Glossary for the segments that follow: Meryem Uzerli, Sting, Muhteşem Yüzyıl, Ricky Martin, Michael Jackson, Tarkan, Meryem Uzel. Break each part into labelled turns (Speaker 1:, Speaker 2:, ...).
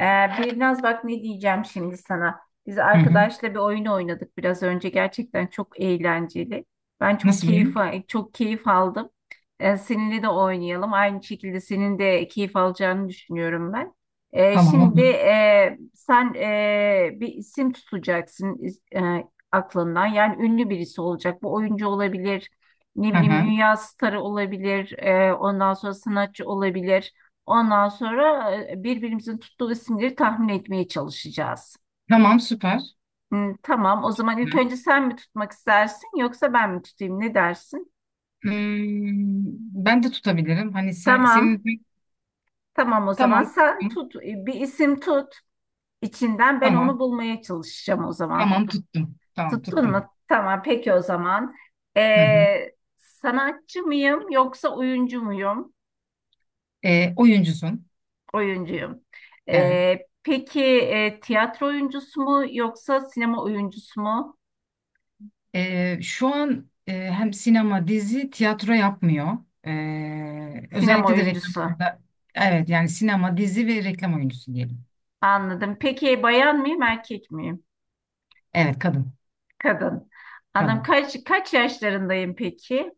Speaker 1: Ee, biraz bak, ne diyeceğim şimdi sana. Biz
Speaker 2: Hı hı.
Speaker 1: arkadaşla bir oyun oynadık biraz önce. Gerçekten çok eğlenceli. Ben çok
Speaker 2: Nasıl
Speaker 1: keyif
Speaker 2: benim?
Speaker 1: çok keyif aldım. Seninle de oynayalım. Aynı şekilde senin de keyif alacağını düşünüyorum ben. Ee,
Speaker 2: Tamam
Speaker 1: şimdi
Speaker 2: olur.
Speaker 1: sen bir isim tutacaksın e, aklından. Yani ünlü birisi olacak. Bu oyuncu olabilir. Ne
Speaker 2: Hı
Speaker 1: bileyim,
Speaker 2: hı.
Speaker 1: dünya starı olabilir. Ondan sonra sanatçı olabilir. Ondan sonra birbirimizin tuttuğu isimleri tahmin etmeye çalışacağız.
Speaker 2: Tamam süper.
Speaker 1: Tamam. O zaman
Speaker 2: Hı.
Speaker 1: ilk önce sen mi tutmak istersin yoksa ben mi tutayım? Ne dersin?
Speaker 2: Hmm, ben de tutabilirim. Hani sen
Speaker 1: Tamam.
Speaker 2: senin.
Speaker 1: Tamam, o zaman
Speaker 2: Tamam
Speaker 1: sen
Speaker 2: tuttum.
Speaker 1: tut. Bir isim tut. İçinden ben
Speaker 2: Tamam.
Speaker 1: onu bulmaya çalışacağım o zaman.
Speaker 2: Tamam tuttum. Tamam
Speaker 1: Tuttun
Speaker 2: tuttum.
Speaker 1: mu? Tamam. Peki o zaman.
Speaker 2: Hı hı.
Speaker 1: Sanatçı mıyım yoksa oyuncu muyum?
Speaker 2: Oyuncusun.
Speaker 1: Oyuncuyum.
Speaker 2: Evet.
Speaker 1: Peki, tiyatro oyuncusu mu yoksa sinema oyuncusu mu?
Speaker 2: Şu an hem sinema, dizi, tiyatro yapmıyor.
Speaker 1: Sinema
Speaker 2: Özellikle de
Speaker 1: oyuncusu.
Speaker 2: reklamda. Evet yani sinema, dizi ve reklam oyuncusu diyelim.
Speaker 1: Anladım. Peki, bayan mıyım, erkek miyim?
Speaker 2: Evet, kadın.
Speaker 1: Kadın. Anladım.
Speaker 2: Kadın.
Speaker 1: Kaç yaşlarındayım peki?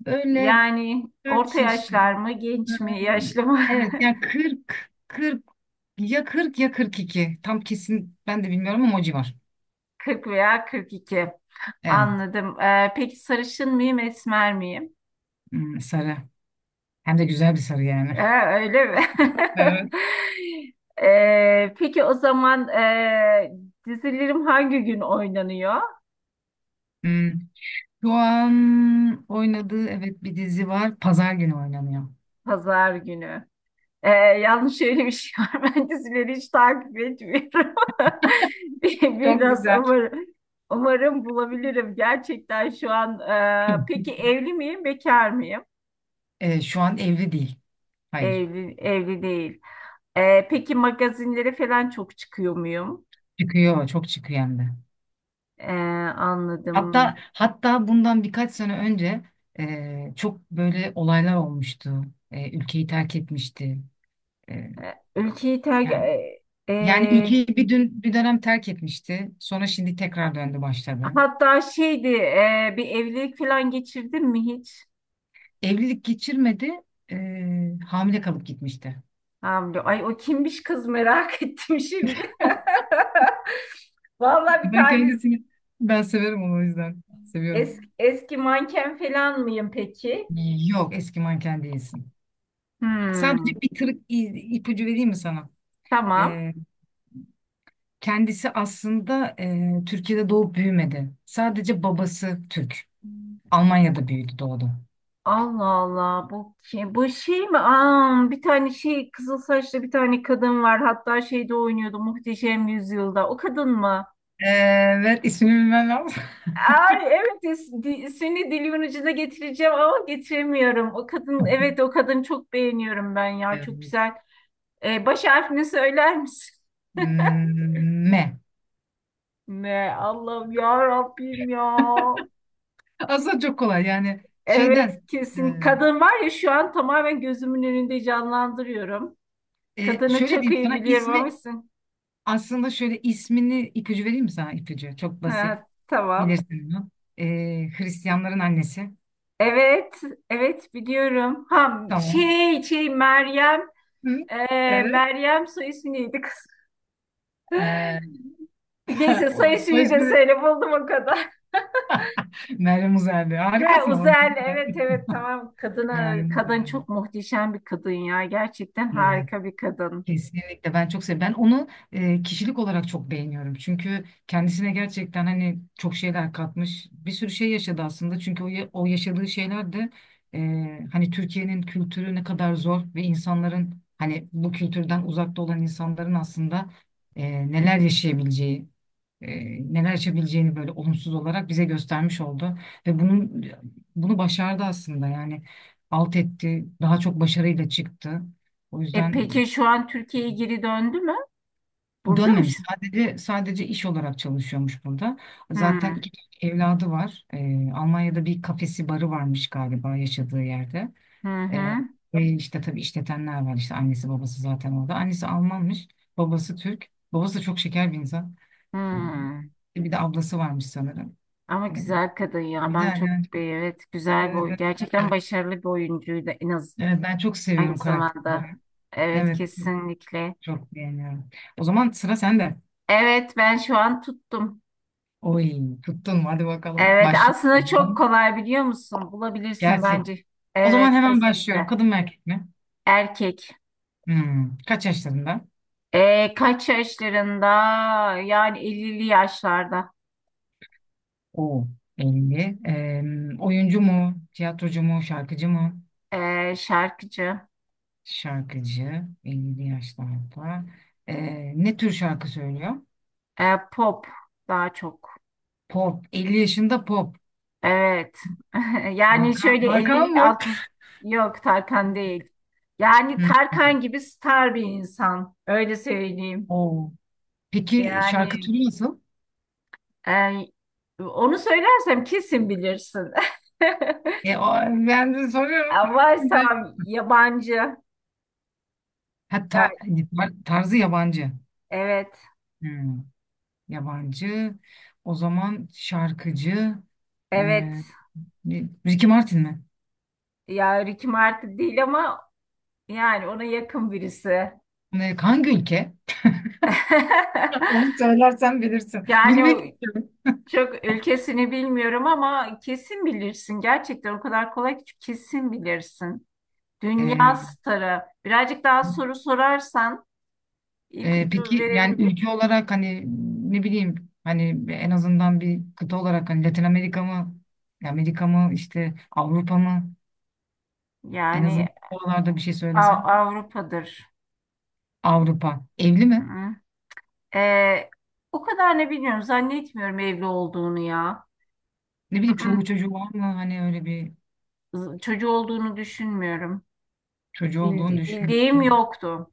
Speaker 2: Böyle
Speaker 1: Yani orta
Speaker 2: kaç yaşında?
Speaker 1: yaşlar mı, genç mi,
Speaker 2: Hmm.
Speaker 1: yaşlı mı?
Speaker 2: Evet yani, 40 40 ya 40 ya 42. Tam kesin ben de bilmiyorum ama o civar.
Speaker 1: 40 veya 42.
Speaker 2: Evet.
Speaker 1: Anladım. Peki sarışın mıyım, esmer miyim?
Speaker 2: Hmm, sarı. Hem de güzel bir sarı yani.
Speaker 1: Öyle mi?
Speaker 2: Evet.
Speaker 1: Peki o zaman, dizilerim hangi gün oynanıyor?
Speaker 2: Hmm. Şu an oynadığı, evet, bir dizi var. Pazar günü oynanıyor.
Speaker 1: Pazar günü. Yalnız şöyle bir şey var. Ben dizileri hiç takip etmiyorum.
Speaker 2: Çok
Speaker 1: Biraz
Speaker 2: güzel.
Speaker 1: umarım, umarım bulabilirim. Gerçekten şu an. Peki evli miyim, bekar mıyım?
Speaker 2: Şu an evli değil. Hayır.
Speaker 1: Evli, evli değil. Peki magazinlere falan çok çıkıyor muyum?
Speaker 2: Çıkıyor. Çok çıkıyor hem de.
Speaker 1: Ee,
Speaker 2: Hatta
Speaker 1: anladım.
Speaker 2: hatta bundan birkaç sene önce çok böyle olaylar olmuştu. Ülkeyi terk etmişti. E,
Speaker 1: Ülkeyi terk...
Speaker 2: yani
Speaker 1: e,
Speaker 2: Yani ülkeyi bir dönem terk etmişti. Sonra şimdi tekrar döndü başladı.
Speaker 1: hatta şeydi, bir evlilik falan geçirdin mi hiç?
Speaker 2: Evlilik geçirmedi. Hamile kalıp gitmişti.
Speaker 1: Hamdi. Ay, o kimmiş kız, merak ettim şimdi. Vallahi bir
Speaker 2: Ben
Speaker 1: tane
Speaker 2: kendisini, ben severim onu, o yüzden. Seviyorum.
Speaker 1: eski manken falan mıyım peki?
Speaker 2: Yok, eski manken değilsin.
Speaker 1: Hmm,
Speaker 2: Sadece bir tırık ipucu vereyim mi sana?
Speaker 1: tamam.
Speaker 2: Eee, Kendisi aslında Türkiye'de doğup büyümedi. Sadece babası Türk. Almanya'da büyüdü doğdu.
Speaker 1: Allah Allah, bu ki bu şey mi? Aa, bir tane şey, kızıl saçlı bir tane kadın var. Hatta şeyde oynuyordu, Muhteşem Yüzyılda. O kadın mı?
Speaker 2: Evet, ismini bilmem lazım.
Speaker 1: Ay evet, ismini dilimin ucuna getireceğim ama getiremiyorum. O kadın, evet o kadın, çok beğeniyorum ben ya, çok
Speaker 2: Eee,
Speaker 1: güzel. Baş harfini söyler misin?
Speaker 2: M.
Speaker 1: Ne Allah'ım, ya Rabbim ya.
Speaker 2: Aslında çok kolay yani
Speaker 1: Evet
Speaker 2: şeyden.
Speaker 1: kesin. Kadın var ya, şu an tamamen gözümün önünde canlandırıyorum. Kadını
Speaker 2: Şöyle
Speaker 1: çok
Speaker 2: diyeyim
Speaker 1: iyi
Speaker 2: sana
Speaker 1: biliyorum ama
Speaker 2: ismi.
Speaker 1: sen-
Speaker 2: Aslında şöyle, ismini ipucu vereyim mi sana? İpucu çok basit,
Speaker 1: Ha, tamam.
Speaker 2: bilirsin bunu. E, Hristiyanların annesi.
Speaker 1: Evet, evet biliyorum. Ha,
Speaker 2: Tamam.
Speaker 1: şey,
Speaker 2: Hı,
Speaker 1: e,
Speaker 2: evet.
Speaker 1: Meryem soy ismi neydi kız?
Speaker 2: E,
Speaker 1: Neyse,
Speaker 2: O
Speaker 1: soy
Speaker 2: soy
Speaker 1: ismini de
Speaker 2: ismi.
Speaker 1: söyle, buldum o kadar.
Speaker 2: Meryem Uzerli,
Speaker 1: Ha,
Speaker 2: harikasın ama!
Speaker 1: Uzel, evet, evet, tamam.
Speaker 2: Meryem
Speaker 1: Kadın
Speaker 2: Uzerli,
Speaker 1: çok muhteşem bir kadın ya. Gerçekten
Speaker 2: evet.
Speaker 1: harika bir kadın.
Speaker 2: Kesinlikle, ben çok seviyorum. Ben onu kişilik olarak çok beğeniyorum. Çünkü kendisine gerçekten hani çok şeyler katmış. Bir sürü şey yaşadı aslında. Çünkü o yaşadığı şeyler de hani Türkiye'nin kültürü ne kadar zor ve insanların hani bu kültürden uzakta olan insanların aslında neler yaşayabileceği, e, neler yaşayabileceğini böyle olumsuz olarak bize göstermiş oldu. Ve bunu başardı aslında yani, alt etti, daha çok başarıyla çıktı. O
Speaker 1: E,
Speaker 2: yüzden.
Speaker 1: peki şu an Türkiye'ye geri döndü mü? Burada mı
Speaker 2: Dönmemiş.
Speaker 1: şu?
Speaker 2: Sadece iş olarak çalışıyormuş burada. Zaten
Speaker 1: Hmm.
Speaker 2: iki tane evladı var. Almanya'da bir kafesi barı varmış galiba yaşadığı yerde.
Speaker 1: Hı
Speaker 2: Ee,
Speaker 1: hı.
Speaker 2: Ve işte tabii işletenler var. İşte annesi babası zaten orada. Annesi Almanmış. Babası Türk. Babası da çok şeker bir insan. Ee,
Speaker 1: Hmm.
Speaker 2: Bir de ablası varmış sanırım.
Speaker 1: Ama
Speaker 2: Ee,
Speaker 1: güzel kadın ya. Ben
Speaker 2: Güzel
Speaker 1: çok
Speaker 2: yani.
Speaker 1: evet, güzel bir
Speaker 2: Evet, evet, ben
Speaker 1: gerçekten
Speaker 2: de.
Speaker 1: başarılı bir oyuncuydu, en az
Speaker 2: Evet, ben çok
Speaker 1: aynı
Speaker 2: seviyorum karakterleri.
Speaker 1: zamanda. Evet
Speaker 2: Evet, çok,
Speaker 1: kesinlikle.
Speaker 2: çok beğeniyorum. O zaman sıra sende.
Speaker 1: Evet, ben şu an tuttum.
Speaker 2: Oy, tuttun. Hadi bakalım.
Speaker 1: Evet, aslında çok
Speaker 2: Başlayalım.
Speaker 1: kolay biliyor musun? Bulabilirsin
Speaker 2: Gerçek.
Speaker 1: bence.
Speaker 2: O zaman
Speaker 1: Evet
Speaker 2: hemen başlıyorum.
Speaker 1: kesinlikle.
Speaker 2: Kadın mı, erkek mi?
Speaker 1: Erkek.
Speaker 2: Hmm. Kaç yaşlarında?
Speaker 1: Kaç yaşlarında? Yani 50'li yaşlarda.
Speaker 2: Oo. 50. Oyuncu mu? Tiyatrocu mu? Şarkıcı mı?
Speaker 1: Şarkıcı.
Speaker 2: Şarkıcı. 50 yaşlarda. Ne tür şarkı söylüyor?
Speaker 1: Pop daha çok.
Speaker 2: Pop. 50 yaşında pop.
Speaker 1: Evet. Yani
Speaker 2: Tarkan,
Speaker 1: şöyle 50'li,
Speaker 2: Tarkan mı?
Speaker 1: altmış... Yok, Tarkan değil. Yani
Speaker 2: Hmm.
Speaker 1: Tarkan gibi star bir insan. Öyle söyleyeyim.
Speaker 2: Oo. Peki şarkı
Speaker 1: Yani
Speaker 2: türü nasıl?
Speaker 1: e, onu söylersem kesin bilirsin.
Speaker 2: E, o- Ben de soruyorum.
Speaker 1: Varsa yabancı.
Speaker 2: Ha,
Speaker 1: Ya,
Speaker 2: tarzı yabancı.
Speaker 1: evet.
Speaker 2: Hmm. Yabancı. O zaman şarkıcı. E,
Speaker 1: Evet.
Speaker 2: Ricky Martin mi?
Speaker 1: Ya Ricky Martin değil ama yani ona yakın birisi.
Speaker 2: Hangi ülke? Onu söylersen bilirsin.
Speaker 1: Yani o...
Speaker 2: Bilmedim.
Speaker 1: Çok ülkesini bilmiyorum ama kesin bilirsin. Gerçekten o kadar kolay ki kesin bilirsin. Dünya
Speaker 2: E,
Speaker 1: starı. Birazcık daha soru sorarsan ipucu
Speaker 2: peki yani
Speaker 1: verebilirim.
Speaker 2: ülke olarak hani, ne bileyim hani, en azından bir kıta olarak hani, Latin Amerika mı? Amerika mı işte, Avrupa mı? En azından
Speaker 1: Yani
Speaker 2: oralarda bir şey söylesen.
Speaker 1: Avrupa'dır.
Speaker 2: Avrupa. Evli mi?
Speaker 1: Hı-hı. Ee, o kadar ne bilmiyorum. Zannetmiyorum evli olduğunu ya.
Speaker 2: Ne bileyim,
Speaker 1: Hı-hı.
Speaker 2: çoluğu çocuğu var mı? Hani öyle bir
Speaker 1: Çocuğu olduğunu düşünmüyorum.
Speaker 2: çocuğu olduğunu
Speaker 1: Bildiğim
Speaker 2: düşünüyorsun.
Speaker 1: yoktu.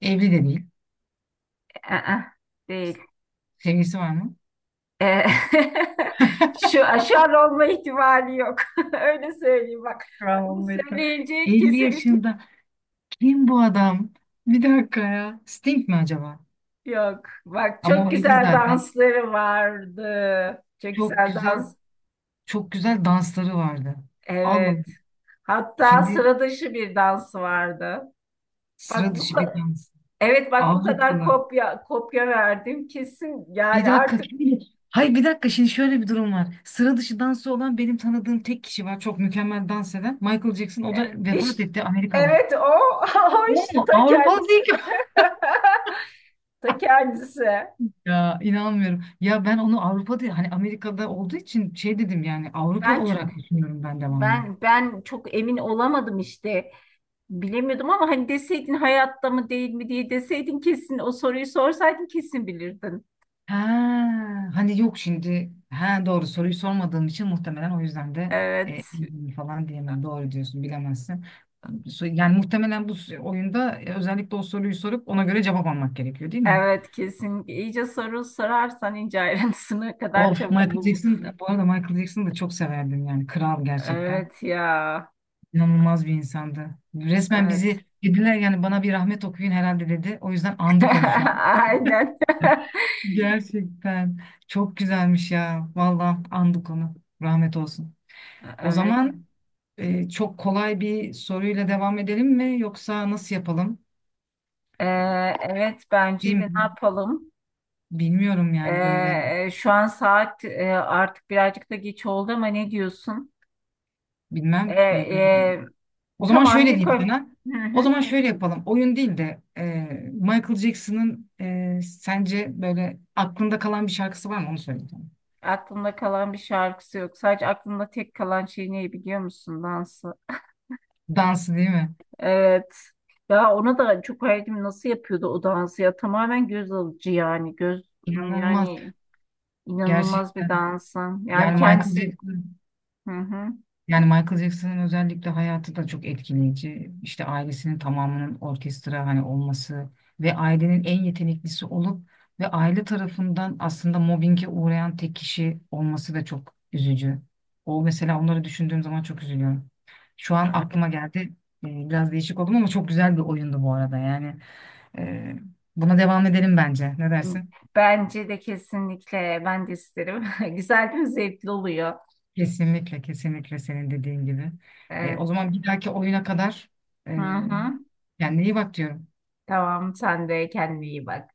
Speaker 2: Evli de değil.
Speaker 1: Ee, değil.
Speaker 2: Sevgisi var mı?
Speaker 1: Ee, Şu aşar olma ihtimali yok. Öyle söyleyeyim bak.
Speaker 2: Bravo
Speaker 1: Bunu
Speaker 2: Meto.
Speaker 1: söyleyince
Speaker 2: 50
Speaker 1: kesin bir şey
Speaker 2: yaşında, kim bu adam? Bir dakika ya. Sting mi acaba?
Speaker 1: yok. Bak,
Speaker 2: Ama
Speaker 1: çok
Speaker 2: o 50
Speaker 1: güzel
Speaker 2: zaten.
Speaker 1: dansları vardı. Çok
Speaker 2: Çok
Speaker 1: güzel
Speaker 2: güzel,
Speaker 1: dans.
Speaker 2: çok güzel dansları vardı. Allah'ım.
Speaker 1: Evet. Hatta
Speaker 2: Şimdi
Speaker 1: sıra dışı bir dansı vardı. Bak
Speaker 2: sıra
Speaker 1: bu
Speaker 2: dışı bir
Speaker 1: kadar,
Speaker 2: dans.
Speaker 1: evet bak bu kadar
Speaker 2: Avrupalı.
Speaker 1: kopya kopya verdim kesin,
Speaker 2: Bir
Speaker 1: yani
Speaker 2: dakika,
Speaker 1: artık
Speaker 2: kim? Hayır, bir dakika, şimdi şöyle bir durum var. Sıra dışı dansı olan benim tanıdığım tek kişi var. Çok mükemmel dans eden. Michael Jackson, o da
Speaker 1: iş
Speaker 2: vefat etti, Amerikalı.
Speaker 1: evet, o o
Speaker 2: O
Speaker 1: işte
Speaker 2: mu?
Speaker 1: ta
Speaker 2: Avrupalı
Speaker 1: kendisi,
Speaker 2: değil.
Speaker 1: ta kendisi.
Speaker 2: Ya inanmıyorum. Ya, ben onu Avrupa'da, hani Amerika'da olduğu için şey dedim, yani Avrupa
Speaker 1: Ben çok
Speaker 2: olarak düşünüyorum ben devamlı.
Speaker 1: ben çok emin olamadım işte. Bilemiyordum ama hani deseydin hayatta mı değil mi diye, deseydin, kesin o soruyu sorsaydın kesin bilirdin.
Speaker 2: Ha, hani yok şimdi. Ha, doğru soruyu sormadığım için muhtemelen o yüzden de
Speaker 1: Evet,
Speaker 2: falan diyemedim. Doğru diyorsun, bilemezsin. Yani muhtemelen bu oyunda, özellikle o soruyu sorup ona göre cevap almak gerekiyor, değil mi?
Speaker 1: evet kesin. İyice soru sorarsan ince ayrıntısına kadar
Speaker 2: Of,
Speaker 1: çabuk
Speaker 2: Michael
Speaker 1: bul.
Speaker 2: Jackson, bu arada Michael Jackson'ı da çok severdim, yani kral gerçekten.
Speaker 1: Evet ya.
Speaker 2: İnanılmaz bir insandı. Resmen
Speaker 1: Evet.
Speaker 2: bizi dediler, yani bana bir rahmet okuyun herhalde dedi. O yüzden andık onu şu an.
Speaker 1: Aynen.
Speaker 2: Gerçekten çok güzelmiş ya. Vallahi andık onu. Rahmet olsun. O
Speaker 1: Evet.
Speaker 2: zaman çok kolay bir soruyla devam edelim mi, yoksa nasıl yapalım?
Speaker 1: Ee, evet,
Speaker 2: Değil
Speaker 1: bence de
Speaker 2: mi?
Speaker 1: ne yapalım?
Speaker 2: Bilmiyorum yani böyle,
Speaker 1: Şu an saat artık birazcık da geç oldu ama ne diyorsun? Ee,
Speaker 2: bilmem böyle.
Speaker 1: e,
Speaker 2: O zaman
Speaker 1: Tamam,
Speaker 2: şöyle
Speaker 1: bir
Speaker 2: diyeyim
Speaker 1: koy.
Speaker 2: sana.
Speaker 1: Hı
Speaker 2: O
Speaker 1: hı.
Speaker 2: zaman şöyle yapalım. Oyun değil de, Michael Jackson'ın sence böyle aklında kalan bir şarkısı var mı, onu söyle.
Speaker 1: Aklımda kalan bir şarkısı yok. Sadece aklımda tek kalan şey ne biliyor musun? Dansı.
Speaker 2: Dansı değil mi?
Speaker 1: Evet. Ya ona da çok hayretim, nasıl yapıyordu o dansı ya. Tamamen göz alıcı yani. Göz,
Speaker 2: İnanılmaz.
Speaker 1: yani
Speaker 2: Gerçek.
Speaker 1: inanılmaz bir dansın. Yani
Speaker 2: Yani Michael
Speaker 1: kendisi.
Speaker 2: Jackson,
Speaker 1: Hı hı.
Speaker 2: yani Michael Jackson'ın özellikle hayatı da çok etkileyici. İşte ailesinin tamamının orkestra hani olması ve ailenin en yeteneklisi olup ve aile tarafından aslında mobbinge uğrayan tek kişi olması da çok üzücü. O mesela onları düşündüğüm zaman çok üzülüyorum. Şu an aklıma geldi. Biraz değişik oldum ama çok güzel bir oyundu bu arada. Yani, e, buna devam edelim bence. Ne dersin?
Speaker 1: Bence de kesinlikle, ben de isterim. Güzel değil mi? Zevkli oluyor.
Speaker 2: Kesinlikle, kesinlikle senin dediğin gibi.
Speaker 1: Evet.
Speaker 2: O zaman bir dahaki oyuna kadar
Speaker 1: Hı
Speaker 2: e,
Speaker 1: hı.
Speaker 2: kendine iyi bak diyorum.
Speaker 1: Tamam, sen de kendine iyi bak.